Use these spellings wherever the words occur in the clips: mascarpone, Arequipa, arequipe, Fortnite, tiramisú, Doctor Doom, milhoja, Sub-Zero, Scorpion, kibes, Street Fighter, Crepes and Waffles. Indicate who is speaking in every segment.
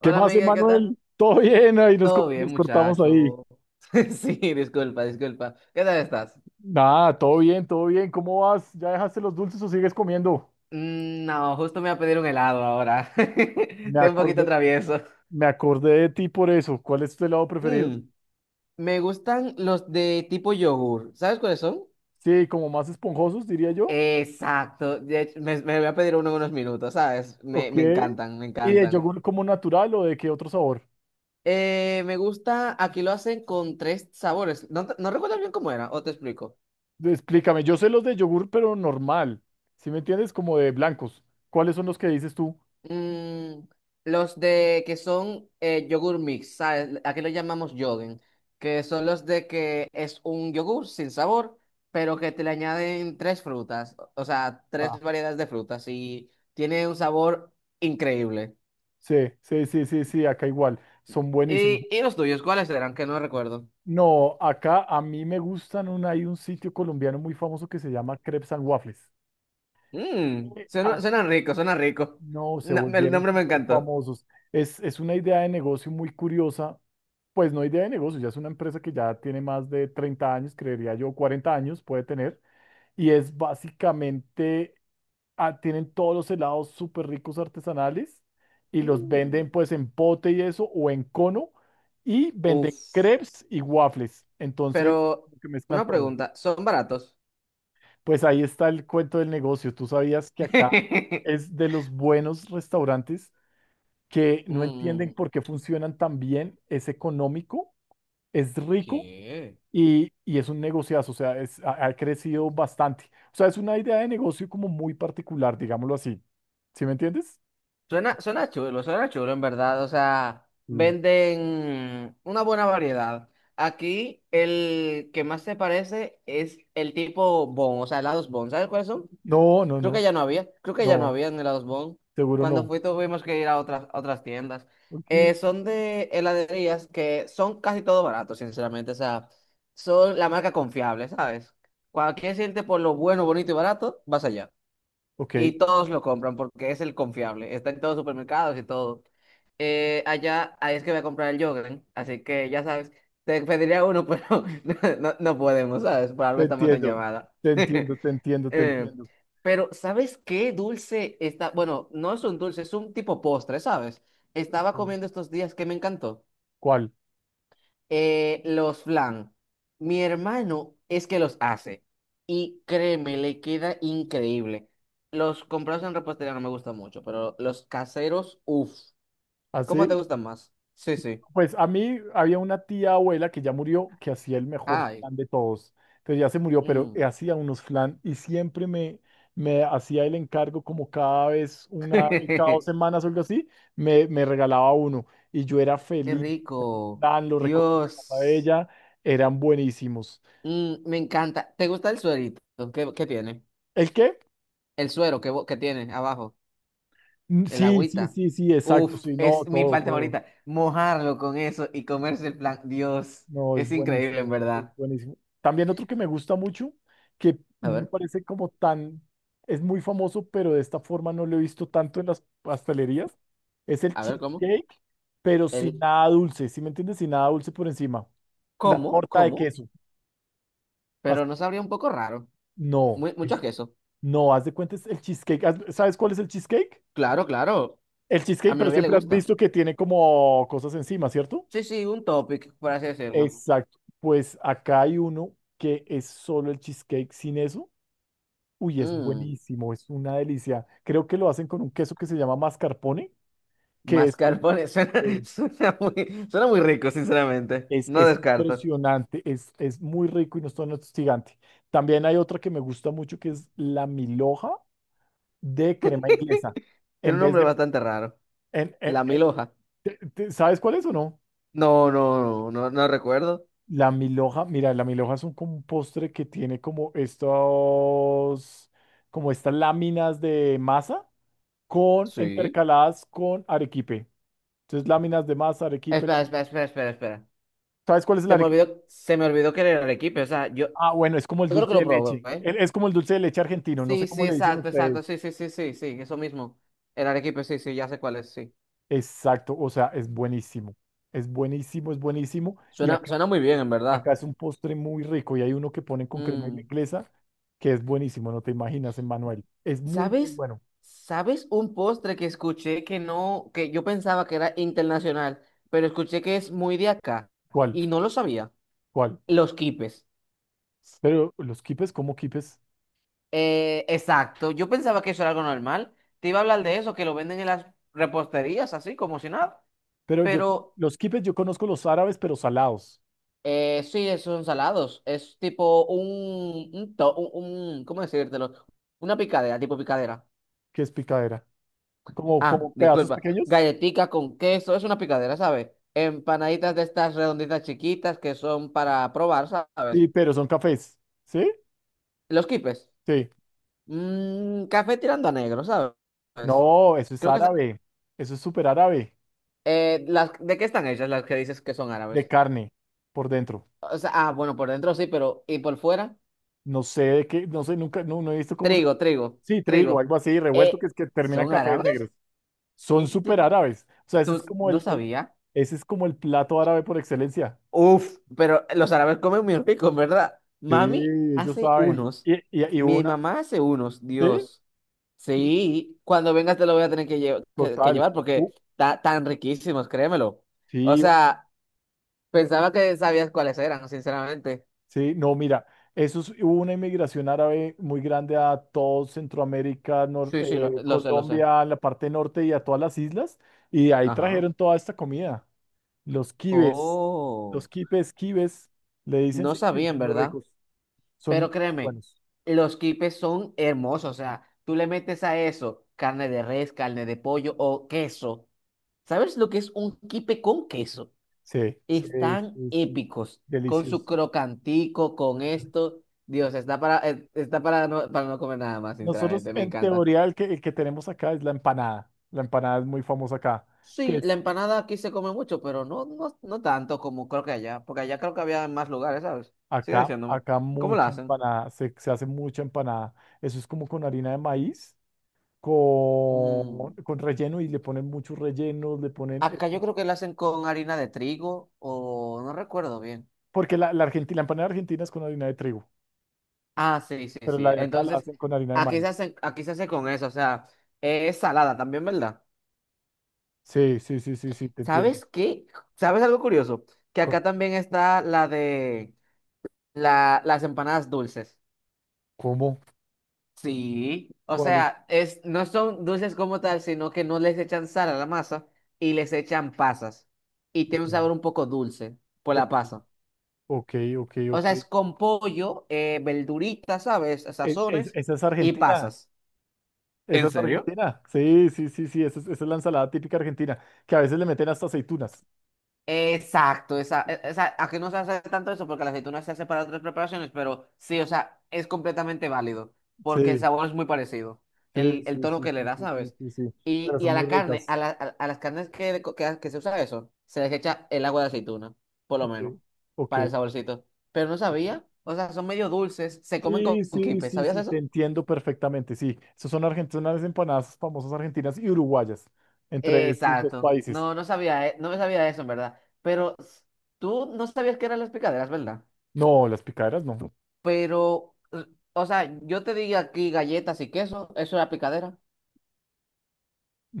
Speaker 1: ¿Qué más,
Speaker 2: amiga, ¿qué tal?
Speaker 1: Emanuel? Todo bien, ahí nos, co-
Speaker 2: Todo bien,
Speaker 1: nos cortamos ahí.
Speaker 2: muchacho. Sí, disculpa, disculpa. ¿Qué tal estás?
Speaker 1: Nada, todo bien, todo bien. ¿Cómo vas? ¿Ya dejaste los dulces o sigues comiendo?
Speaker 2: Mm, no, justo me voy a pedir un helado ahora.
Speaker 1: Me
Speaker 2: Estoy un poquito
Speaker 1: acordé,
Speaker 2: travieso.
Speaker 1: me acordé de ti por eso. ¿Cuál es tu helado preferido?
Speaker 2: Mm, Me gustan los de tipo yogur. ¿Sabes cuáles son?
Speaker 1: Sí, como más esponjosos, diría yo.
Speaker 2: Exacto. De hecho, me voy a pedir uno en unos minutos, ¿sabes?
Speaker 1: Ok.
Speaker 2: Me encantan, me
Speaker 1: ¿Y de
Speaker 2: encantan.
Speaker 1: yogur como natural o de qué otro sabor?
Speaker 2: Me gusta, aquí lo hacen con tres sabores. No, no recuerdo bien cómo era, o te explico.
Speaker 1: Explícame, yo sé los de yogur, pero normal. ¿Sí me entiendes? Como de blancos. ¿Cuáles son los que dices tú?
Speaker 2: Mm, los de que son yogur mix, ¿sabes? Aquí lo llamamos yogen, que son los de que es un yogur sin sabor, pero que te le añaden tres frutas, o sea,
Speaker 1: Ah,
Speaker 2: tres variedades de frutas y tiene un sabor increíble.
Speaker 1: sí, sí, sí, sí, sí, acá igual. Son buenísimos.
Speaker 2: ¿Y, los tuyos, cuáles eran? Que no recuerdo.
Speaker 1: No, acá a mí me gustan, hay un sitio colombiano muy famoso que se llama Crepes and Waffles. Eh,
Speaker 2: Suena,
Speaker 1: as-
Speaker 2: suena rico, suena rico.
Speaker 1: No, se
Speaker 2: El
Speaker 1: volvieron
Speaker 2: nombre me
Speaker 1: súper
Speaker 2: encantó.
Speaker 1: famosos. Es una idea de negocio muy curiosa. Pues no idea de negocio, ya es una empresa que ya tiene más de 30 años, creería yo, 40 años puede tener. Y es básicamente, tienen todos los helados súper ricos artesanales y los
Speaker 2: Mm.
Speaker 1: venden pues en pote y eso o en cono y venden
Speaker 2: Uf,
Speaker 1: crepes y waffles. Entonces,
Speaker 2: pero
Speaker 1: como que mezclan
Speaker 2: una
Speaker 1: todo.
Speaker 2: pregunta, ¿son baratos?
Speaker 1: Pues ahí está el cuento del negocio. Tú sabías que acá es de los buenos restaurantes que no entienden
Speaker 2: Mm.
Speaker 1: por qué funcionan tan bien. Es económico, es rico
Speaker 2: ¿Qué?
Speaker 1: y es un negociazo. O sea, ha crecido bastante. O sea, es una idea de negocio como muy particular, digámoslo así. ¿Sí me entiendes?
Speaker 2: Suena, suena chulo en verdad. O sea,
Speaker 1: Sí.
Speaker 2: venden una buena variedad. Aquí el que más se parece es el tipo Bon, o sea, helados Bon. ¿Sabes cuáles son?
Speaker 1: No, no,
Speaker 2: Creo
Speaker 1: no,
Speaker 2: que ya no había, creo que ya no
Speaker 1: no,
Speaker 2: había en helados Bon.
Speaker 1: seguro
Speaker 2: Cuando
Speaker 1: no.
Speaker 2: fui tuvimos que ir a otras tiendas.
Speaker 1: Ok,
Speaker 2: Son de heladerías que son casi todo barato, sinceramente. O sea, son la marca confiable, ¿sabes? Cuando quieres irte por lo bueno, bonito y barato, vas allá.
Speaker 1: ok,
Speaker 2: Y todos lo compran porque es el confiable. Está en todos los supermercados y todo. Allá, ahí es que voy a comprar el yogurt. Así que ya sabes, te pediría uno, pero no, no podemos, ¿sabes? Por
Speaker 1: te
Speaker 2: algo estamos en
Speaker 1: entiendo,
Speaker 2: llamada.
Speaker 1: te entiendo, te entiendo, te
Speaker 2: Eh,
Speaker 1: entiendo.
Speaker 2: pero, ¿sabes qué dulce está? Bueno, no es un dulce, es un tipo postre, ¿sabes? Estaba
Speaker 1: Sí.
Speaker 2: comiendo estos días que me encantó.
Speaker 1: ¿Cuál?
Speaker 2: Los flan. Mi hermano es que los hace. Y créeme, le queda increíble. Los comprados en repostería no me gustan mucho, pero los caseros, uff. ¿Cómo te
Speaker 1: ¿Así?
Speaker 2: gustan más? Sí, sí.
Speaker 1: Pues a mí había una tía abuela que ya murió que hacía el mejor
Speaker 2: Ay.
Speaker 1: flan de todos. Entonces ya se murió, pero
Speaker 2: Mm.
Speaker 1: hacía unos flan y siempre me hacía el encargo como cada vez, una vez cada dos
Speaker 2: Qué
Speaker 1: semanas o algo así, me regalaba uno. Y yo era feliz con ese
Speaker 2: rico.
Speaker 1: flan, lo recogí en la casa de
Speaker 2: Dios.
Speaker 1: ella, eran buenísimos.
Speaker 2: Mm, me encanta. ¿Te gusta el suerito? ¿Qué, qué tiene?
Speaker 1: ¿El qué?
Speaker 2: El suero que, que tiene abajo.
Speaker 1: Mm,
Speaker 2: El
Speaker 1: sí, sí,
Speaker 2: agüita.
Speaker 1: sí, sí, exacto,
Speaker 2: Uf,
Speaker 1: sí, no,
Speaker 2: es mi
Speaker 1: todo,
Speaker 2: parte
Speaker 1: todo.
Speaker 2: favorita. Mojarlo con eso y comerse el plan. Dios,
Speaker 1: No, es
Speaker 2: es increíble
Speaker 1: buenísimo,
Speaker 2: en
Speaker 1: es
Speaker 2: verdad.
Speaker 1: buenísimo. También otro que me gusta mucho, que
Speaker 2: A
Speaker 1: no me
Speaker 2: ver,
Speaker 1: parece como tan, es muy famoso, pero de esta forma no lo he visto tanto en las pastelerías, es el
Speaker 2: a ver cómo.
Speaker 1: cheesecake, pero sin
Speaker 2: El
Speaker 1: nada dulce, ¿sí me entiendes? Sin nada dulce por encima. La
Speaker 2: cómo,
Speaker 1: torta de
Speaker 2: cómo,
Speaker 1: queso. Haz-
Speaker 2: pero no sabría un poco raro. Muy,
Speaker 1: no,
Speaker 2: mucho queso.
Speaker 1: no, haz de cuenta es el cheesecake. ¿Sabes cuál es el cheesecake?
Speaker 2: Claro, claro.
Speaker 1: El
Speaker 2: A
Speaker 1: cheesecake,
Speaker 2: mi
Speaker 1: pero
Speaker 2: novia le
Speaker 1: siempre has
Speaker 2: gusta.
Speaker 1: visto que tiene como cosas encima, ¿cierto?
Speaker 2: Sí, sí, un topic, por así decirlo.
Speaker 1: Exacto. Pues acá hay uno que es solo el cheesecake sin eso. Uy, es
Speaker 2: Mmm,
Speaker 1: buenísimo, es una delicia. Creo que lo hacen con un queso que se llama mascarpone, que es como,
Speaker 2: mascarpone. Suena,
Speaker 1: eh,
Speaker 2: suena muy rico, sinceramente.
Speaker 1: es,
Speaker 2: No
Speaker 1: es
Speaker 2: descarto.
Speaker 1: impresionante, es muy rico y no es tan hostigante. También hay otra que me gusta mucho que es la milhoja de crema inglesa.
Speaker 2: Tiene
Speaker 1: En
Speaker 2: un
Speaker 1: vez
Speaker 2: nombre
Speaker 1: de,
Speaker 2: bastante raro.
Speaker 1: en- en-
Speaker 2: La mil hoja.
Speaker 1: en- te- ¿Sabes cuál es o no?
Speaker 2: No, no, no, no, no recuerdo.
Speaker 1: La milhoja, mira, la milhoja es como un postre que tiene como estas láminas de masa con
Speaker 2: Sí.
Speaker 1: intercaladas con arequipe. Entonces, láminas de masa, arequipe.
Speaker 2: Espera, espera, espera, espera, espera.
Speaker 1: ¿Sabes cuál es la arequipe?
Speaker 2: Se me olvidó que era el equipo. O sea, yo
Speaker 1: Ah, bueno, es como el
Speaker 2: creo que
Speaker 1: dulce
Speaker 2: lo
Speaker 1: de
Speaker 2: probé,
Speaker 1: leche.
Speaker 2: ¿eh?
Speaker 1: Es como el dulce de leche argentino, no sé
Speaker 2: Sí,
Speaker 1: cómo
Speaker 2: sí,
Speaker 1: le dicen
Speaker 2: exacto,
Speaker 1: ustedes.
Speaker 2: exacto. Sí, sí, sí, sí, sí, eso mismo. El Arequipe, sí, sí, ya sé cuál es, sí.
Speaker 1: Exacto, o sea, es buenísimo. Es buenísimo, es buenísimo. Y
Speaker 2: Suena,
Speaker 1: acá,
Speaker 2: suena muy bien, en verdad.
Speaker 1: acá es un postre muy rico y hay uno que ponen con crema
Speaker 2: Mm,
Speaker 1: inglesa que es buenísimo, no te imaginas, Emmanuel. Es muy, muy
Speaker 2: ¿sabes?
Speaker 1: bueno.
Speaker 2: ¿Sabes un postre que escuché que no, que yo pensaba que era internacional, pero escuché que es muy de acá
Speaker 1: ¿Cuál?
Speaker 2: y no lo sabía?
Speaker 1: ¿Cuál?
Speaker 2: Los quipes.
Speaker 1: Pero los quipes, ¿cómo quipes?
Speaker 2: Exacto. Yo pensaba que eso era algo normal. Te iba a hablar de eso, que lo venden en las reposterías, así como si nada.
Speaker 1: Pero yo,
Speaker 2: Pero
Speaker 1: los quipes yo conozco los árabes, pero salados.
Speaker 2: sí, esos son salados. Es tipo un, un, ¿cómo decírtelo? Una picadera, tipo picadera.
Speaker 1: ¿Qué es picadera? Como,
Speaker 2: Ah,
Speaker 1: como pedazos
Speaker 2: disculpa.
Speaker 1: pequeños.
Speaker 2: Galletica con queso, es una picadera, ¿sabes? Empanaditas de estas redonditas chiquitas que son para probar, ¿sabes?
Speaker 1: Sí, pero son cafés. ¿Sí?
Speaker 2: Los quipes.
Speaker 1: Sí.
Speaker 2: Mm, café tirando a negro, ¿sabes?
Speaker 1: No, eso es
Speaker 2: Creo que es-
Speaker 1: árabe. Eso es súper árabe.
Speaker 2: las, ¿de qué están hechas las que dices que son
Speaker 1: De
Speaker 2: árabes?
Speaker 1: carne por dentro.
Speaker 2: O sea, ah, bueno, por dentro sí, pero ¿y por fuera?
Speaker 1: No sé de qué, no sé, nunca, no he visto cómo se.
Speaker 2: Trigo, trigo,
Speaker 1: Sí, trigo,
Speaker 2: trigo.
Speaker 1: algo así, revuelto, que
Speaker 2: Eh,
Speaker 1: es que termina en
Speaker 2: ¿Son
Speaker 1: cafés negros.
Speaker 2: árabes?
Speaker 1: Son súper
Speaker 2: ¿Tú,
Speaker 1: árabes. O sea, ese es
Speaker 2: tú
Speaker 1: como
Speaker 2: no sabías?
Speaker 1: ese es como el plato árabe por excelencia.
Speaker 2: Uf, pero los árabes comen muy rico, en ¿verdad?
Speaker 1: Sí,
Speaker 2: Mami
Speaker 1: ellos
Speaker 2: hace
Speaker 1: saben.
Speaker 2: unos. Mi mamá hace unos,
Speaker 1: Sí,
Speaker 2: Dios.
Speaker 1: y-
Speaker 2: Sí, cuando vengas te lo voy a tener que, que
Speaker 1: total.
Speaker 2: llevar porque
Speaker 1: U-
Speaker 2: tan riquísimos, créemelo. O
Speaker 1: sí,
Speaker 2: sea, pensaba que sabías cuáles eran, sinceramente.
Speaker 1: sí, no, mira, hubo una inmigración árabe muy grande a todo Centroamérica,
Speaker 2: Sí, sí, lo sé, lo sé.
Speaker 1: Colombia, la parte norte y a todas las islas, y de ahí
Speaker 2: Ajá.
Speaker 1: trajeron toda esta comida. Los kibes,
Speaker 2: Oh,
Speaker 1: kibes, le dicen,
Speaker 2: no
Speaker 1: sí, sí,
Speaker 2: sabían,
Speaker 1: son muy
Speaker 2: ¿verdad?
Speaker 1: ricos, son
Speaker 2: Pero
Speaker 1: muy
Speaker 2: créeme,
Speaker 1: buenos.
Speaker 2: los quipes son hermosos. O sea, tú le metes a eso carne de res, carne de pollo o queso. ¿Sabes lo que es un quipe con queso?
Speaker 1: Sí, sí,
Speaker 2: Están
Speaker 1: sí, sí,
Speaker 2: épicos. Con su
Speaker 1: deliciosos.
Speaker 2: crocantico, con esto. Dios, está para, está para no comer nada más,
Speaker 1: Nosotros,
Speaker 2: sinceramente. Me
Speaker 1: en
Speaker 2: encanta.
Speaker 1: teoría, el que tenemos acá es la empanada. La empanada es muy famosa acá. que
Speaker 2: Sí, la
Speaker 1: es
Speaker 2: empanada aquí se come mucho, pero no, no, no tanto como creo que allá. Porque allá creo que había en más lugares, ¿sabes? Sigue
Speaker 1: Acá,
Speaker 2: diciéndome.
Speaker 1: acá
Speaker 2: ¿Cómo la
Speaker 1: mucha
Speaker 2: hacen?
Speaker 1: empanada, se hace mucha empanada. Eso es como con harina de maíz, con,
Speaker 2: Mm.
Speaker 1: con relleno y le ponen muchos rellenos.
Speaker 2: Acá yo creo que la hacen con harina de trigo o no recuerdo bien.
Speaker 1: Porque la empanada argentina es con harina de trigo,
Speaker 2: Ah, sí, sí,
Speaker 1: pero
Speaker 2: sí.
Speaker 1: la de acá la
Speaker 2: Entonces,
Speaker 1: hacen con harina de
Speaker 2: aquí se
Speaker 1: maíz.
Speaker 2: hacen, aquí se hace con eso, o sea, es salada también, ¿verdad?
Speaker 1: Sí, sí, sí, sí, sí, te entiendo.
Speaker 2: ¿Sabes qué? ¿Sabes algo curioso? Que
Speaker 1: Co-
Speaker 2: acá también está la de las empanadas dulces.
Speaker 1: ¿Cómo?
Speaker 2: Sí, o
Speaker 1: ¿Cuál es?
Speaker 2: sea, es, no son dulces como tal, sino que no les echan sal a la masa y les echan pasas. Y tiene
Speaker 1: Ok,
Speaker 2: un sabor un poco dulce por la
Speaker 1: ok,
Speaker 2: pasa.
Speaker 1: ok, ok.
Speaker 2: O
Speaker 1: ok.
Speaker 2: sea, es con pollo, verduritas, ¿sabes? Sazones
Speaker 1: Esa es
Speaker 2: y
Speaker 1: Argentina,
Speaker 2: pasas.
Speaker 1: esa
Speaker 2: ¿En
Speaker 1: es
Speaker 2: serio?
Speaker 1: Argentina. Sí, sí, sí, sí, esa es la ensalada típica argentina, que a veces le meten hasta aceitunas.
Speaker 2: Exacto, esa, esa, a que no se hace tanto eso porque la aceituna se hace para otras preparaciones, pero sí, o sea, es completamente válido porque el
Speaker 1: Sí.
Speaker 2: sabor es muy parecido,
Speaker 1: Sí,
Speaker 2: el
Speaker 1: sí,
Speaker 2: tono
Speaker 1: sí,
Speaker 2: que le
Speaker 1: sí,
Speaker 2: da,
Speaker 1: sí, sí,
Speaker 2: ¿sabes?
Speaker 1: sí, sí. Pero
Speaker 2: Y
Speaker 1: son
Speaker 2: a
Speaker 1: muy
Speaker 2: la carne,
Speaker 1: ricas.
Speaker 2: a las carnes que, que se usa eso, se les echa el agua de aceituna, por lo
Speaker 1: Ok,
Speaker 2: menos,
Speaker 1: ok.
Speaker 2: para el saborcito. Pero no
Speaker 1: ok.
Speaker 2: sabía, o sea, son medio dulces, se comen
Speaker 1: Sí,
Speaker 2: con
Speaker 1: sí,
Speaker 2: quipe,
Speaker 1: sí,
Speaker 2: ¿sabías
Speaker 1: sí, te
Speaker 2: eso?
Speaker 1: entiendo perfectamente. Sí, esas son argentinas, las empanadas famosas argentinas y uruguayas, entre esos dos
Speaker 2: Exacto.
Speaker 1: países.
Speaker 2: No, no sabía, no me sabía eso, en verdad. Pero tú no sabías que eran las picaderas, ¿verdad?
Speaker 1: No, las picaderas no.
Speaker 2: Pero, o sea, yo te digo aquí galletas y queso, eso era picadera.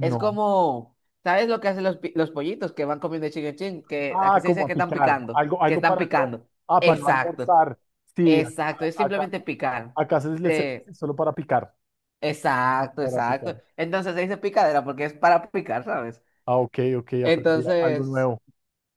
Speaker 2: Es como, ¿sabes lo que hacen los, los pollitos que van comiendo chin en chin? Que aquí
Speaker 1: Ah,
Speaker 2: se
Speaker 1: como
Speaker 2: dice
Speaker 1: a
Speaker 2: que están
Speaker 1: picar.
Speaker 2: picando,
Speaker 1: Algo,
Speaker 2: que
Speaker 1: algo
Speaker 2: están
Speaker 1: para no.
Speaker 2: picando.
Speaker 1: Ah, para no
Speaker 2: Exacto,
Speaker 1: almorzar. Sí, acá,
Speaker 2: exacto. Es
Speaker 1: acá,
Speaker 2: simplemente picar.
Speaker 1: acá se les
Speaker 2: De,
Speaker 1: solo para picar.
Speaker 2: exacto,
Speaker 1: Para picar.
Speaker 2: exacto. Entonces se dice picadera porque es para picar, ¿sabes?
Speaker 1: Ah, ok, ok, aprendí algo
Speaker 2: Entonces.
Speaker 1: nuevo.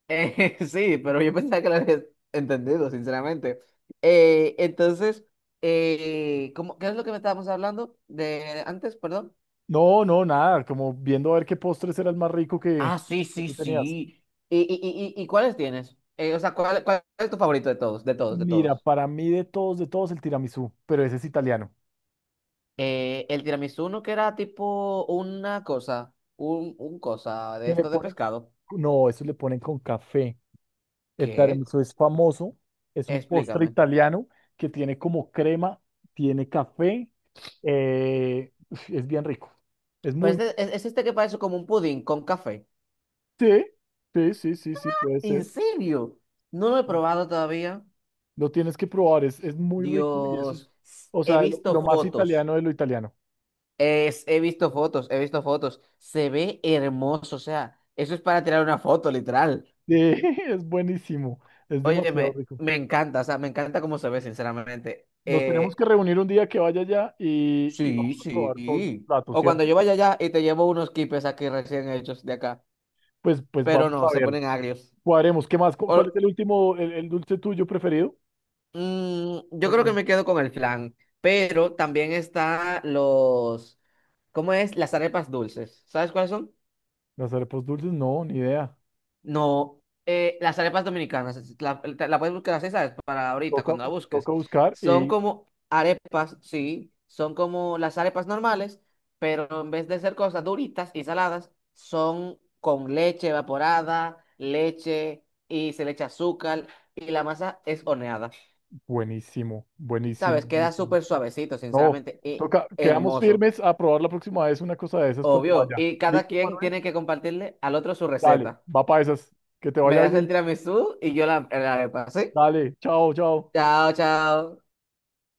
Speaker 2: Sí, pero yo pensaba que lo habías entendido, sinceramente. Entonces, ¿cómo- qué es lo que me estábamos hablando de antes? Perdón.
Speaker 1: No, no, nada, como viendo a ver qué postres era el más rico que,
Speaker 2: Ah, sí,
Speaker 1: que
Speaker 2: sí,
Speaker 1: tú tenías.
Speaker 2: sí. ¿Y, y cuáles tienes? O sea, ¿cuál, cuál es tu favorito de todos? De todos, de
Speaker 1: Mira,
Speaker 2: todos.
Speaker 1: para mí de todos el tiramisú, pero ese es italiano.
Speaker 2: El tiramisú no que era tipo una cosa, un cosa de
Speaker 1: ¿Qué le
Speaker 2: esto de
Speaker 1: ponen?
Speaker 2: pescado.
Speaker 1: No, eso le ponen con café. El
Speaker 2: ¿Qué?
Speaker 1: tiramisú es famoso, es un postre
Speaker 2: Explícame.
Speaker 1: italiano que tiene como crema, tiene café, uf, es bien rico. Es muy.
Speaker 2: Pues es este que parece como un pudín con café.
Speaker 1: Sí, sí, sí, sí, sí, puede
Speaker 2: ¿En
Speaker 1: ser.
Speaker 2: serio? No lo he
Speaker 1: Ujú.
Speaker 2: probado todavía.
Speaker 1: Lo tienes que probar, es muy rico y eso
Speaker 2: Dios,
Speaker 1: es, o
Speaker 2: he
Speaker 1: sea, lo
Speaker 2: visto
Speaker 1: lo más
Speaker 2: fotos,
Speaker 1: italiano de lo italiano.
Speaker 2: es, he visto fotos, se ve hermoso, o sea, eso es para tirar una foto, literal.
Speaker 1: Sí, es buenísimo, es
Speaker 2: Óyeme,
Speaker 1: demasiado rico.
Speaker 2: me encanta, o sea, me encanta cómo se ve, sinceramente.
Speaker 1: Nos tenemos que reunir un día que vaya allá y vamos
Speaker 2: Sí,
Speaker 1: a probar todos los
Speaker 2: sí.
Speaker 1: platos,
Speaker 2: O cuando
Speaker 1: ¿cierto?
Speaker 2: yo vaya allá y te llevo unos quipes aquí recién hechos de acá,
Speaker 1: Pues
Speaker 2: pero
Speaker 1: vamos
Speaker 2: no,
Speaker 1: a
Speaker 2: se
Speaker 1: ver,
Speaker 2: ponen agrios.
Speaker 1: cuadremos, ¿qué más?
Speaker 2: O-
Speaker 1: ¿Cuál es el último, el dulce tuyo preferido?
Speaker 2: mm, yo
Speaker 1: No
Speaker 2: creo que
Speaker 1: me-
Speaker 2: me quedo con el flan, pero también está los, ¿cómo es? Las arepas dulces, ¿sabes cuáles son?
Speaker 1: Las arepas dulces, no, ni idea.
Speaker 2: No, las arepas dominicanas, la puedes buscar así, ¿sabes? Para ahorita,
Speaker 1: Toca,
Speaker 2: cuando la busques.
Speaker 1: toca buscar
Speaker 2: Son
Speaker 1: y
Speaker 2: como arepas, sí, son como las arepas normales, pero en vez de ser cosas duritas y saladas, son con leche evaporada, leche y se le echa azúcar y la masa es horneada,
Speaker 1: buenísimo, buenísimo,
Speaker 2: ¿sabes? Queda
Speaker 1: buenísimo.
Speaker 2: súper suavecito,
Speaker 1: No,
Speaker 2: sinceramente, y
Speaker 1: toca, quedamos
Speaker 2: hermoso,
Speaker 1: firmes a probar la próxima vez una cosa de esas cuando
Speaker 2: obvio.
Speaker 1: vaya.
Speaker 2: Y cada
Speaker 1: ¿Listo,
Speaker 2: quien
Speaker 1: Manuel?
Speaker 2: tiene que compartirle al otro su
Speaker 1: Dale,
Speaker 2: receta.
Speaker 1: va para esas. Que te
Speaker 2: Me
Speaker 1: vaya
Speaker 2: das el
Speaker 1: bien.
Speaker 2: tiramisú y yo la, la arepa, ¿sí?
Speaker 1: Dale, chao, chao.
Speaker 2: Chao, chao.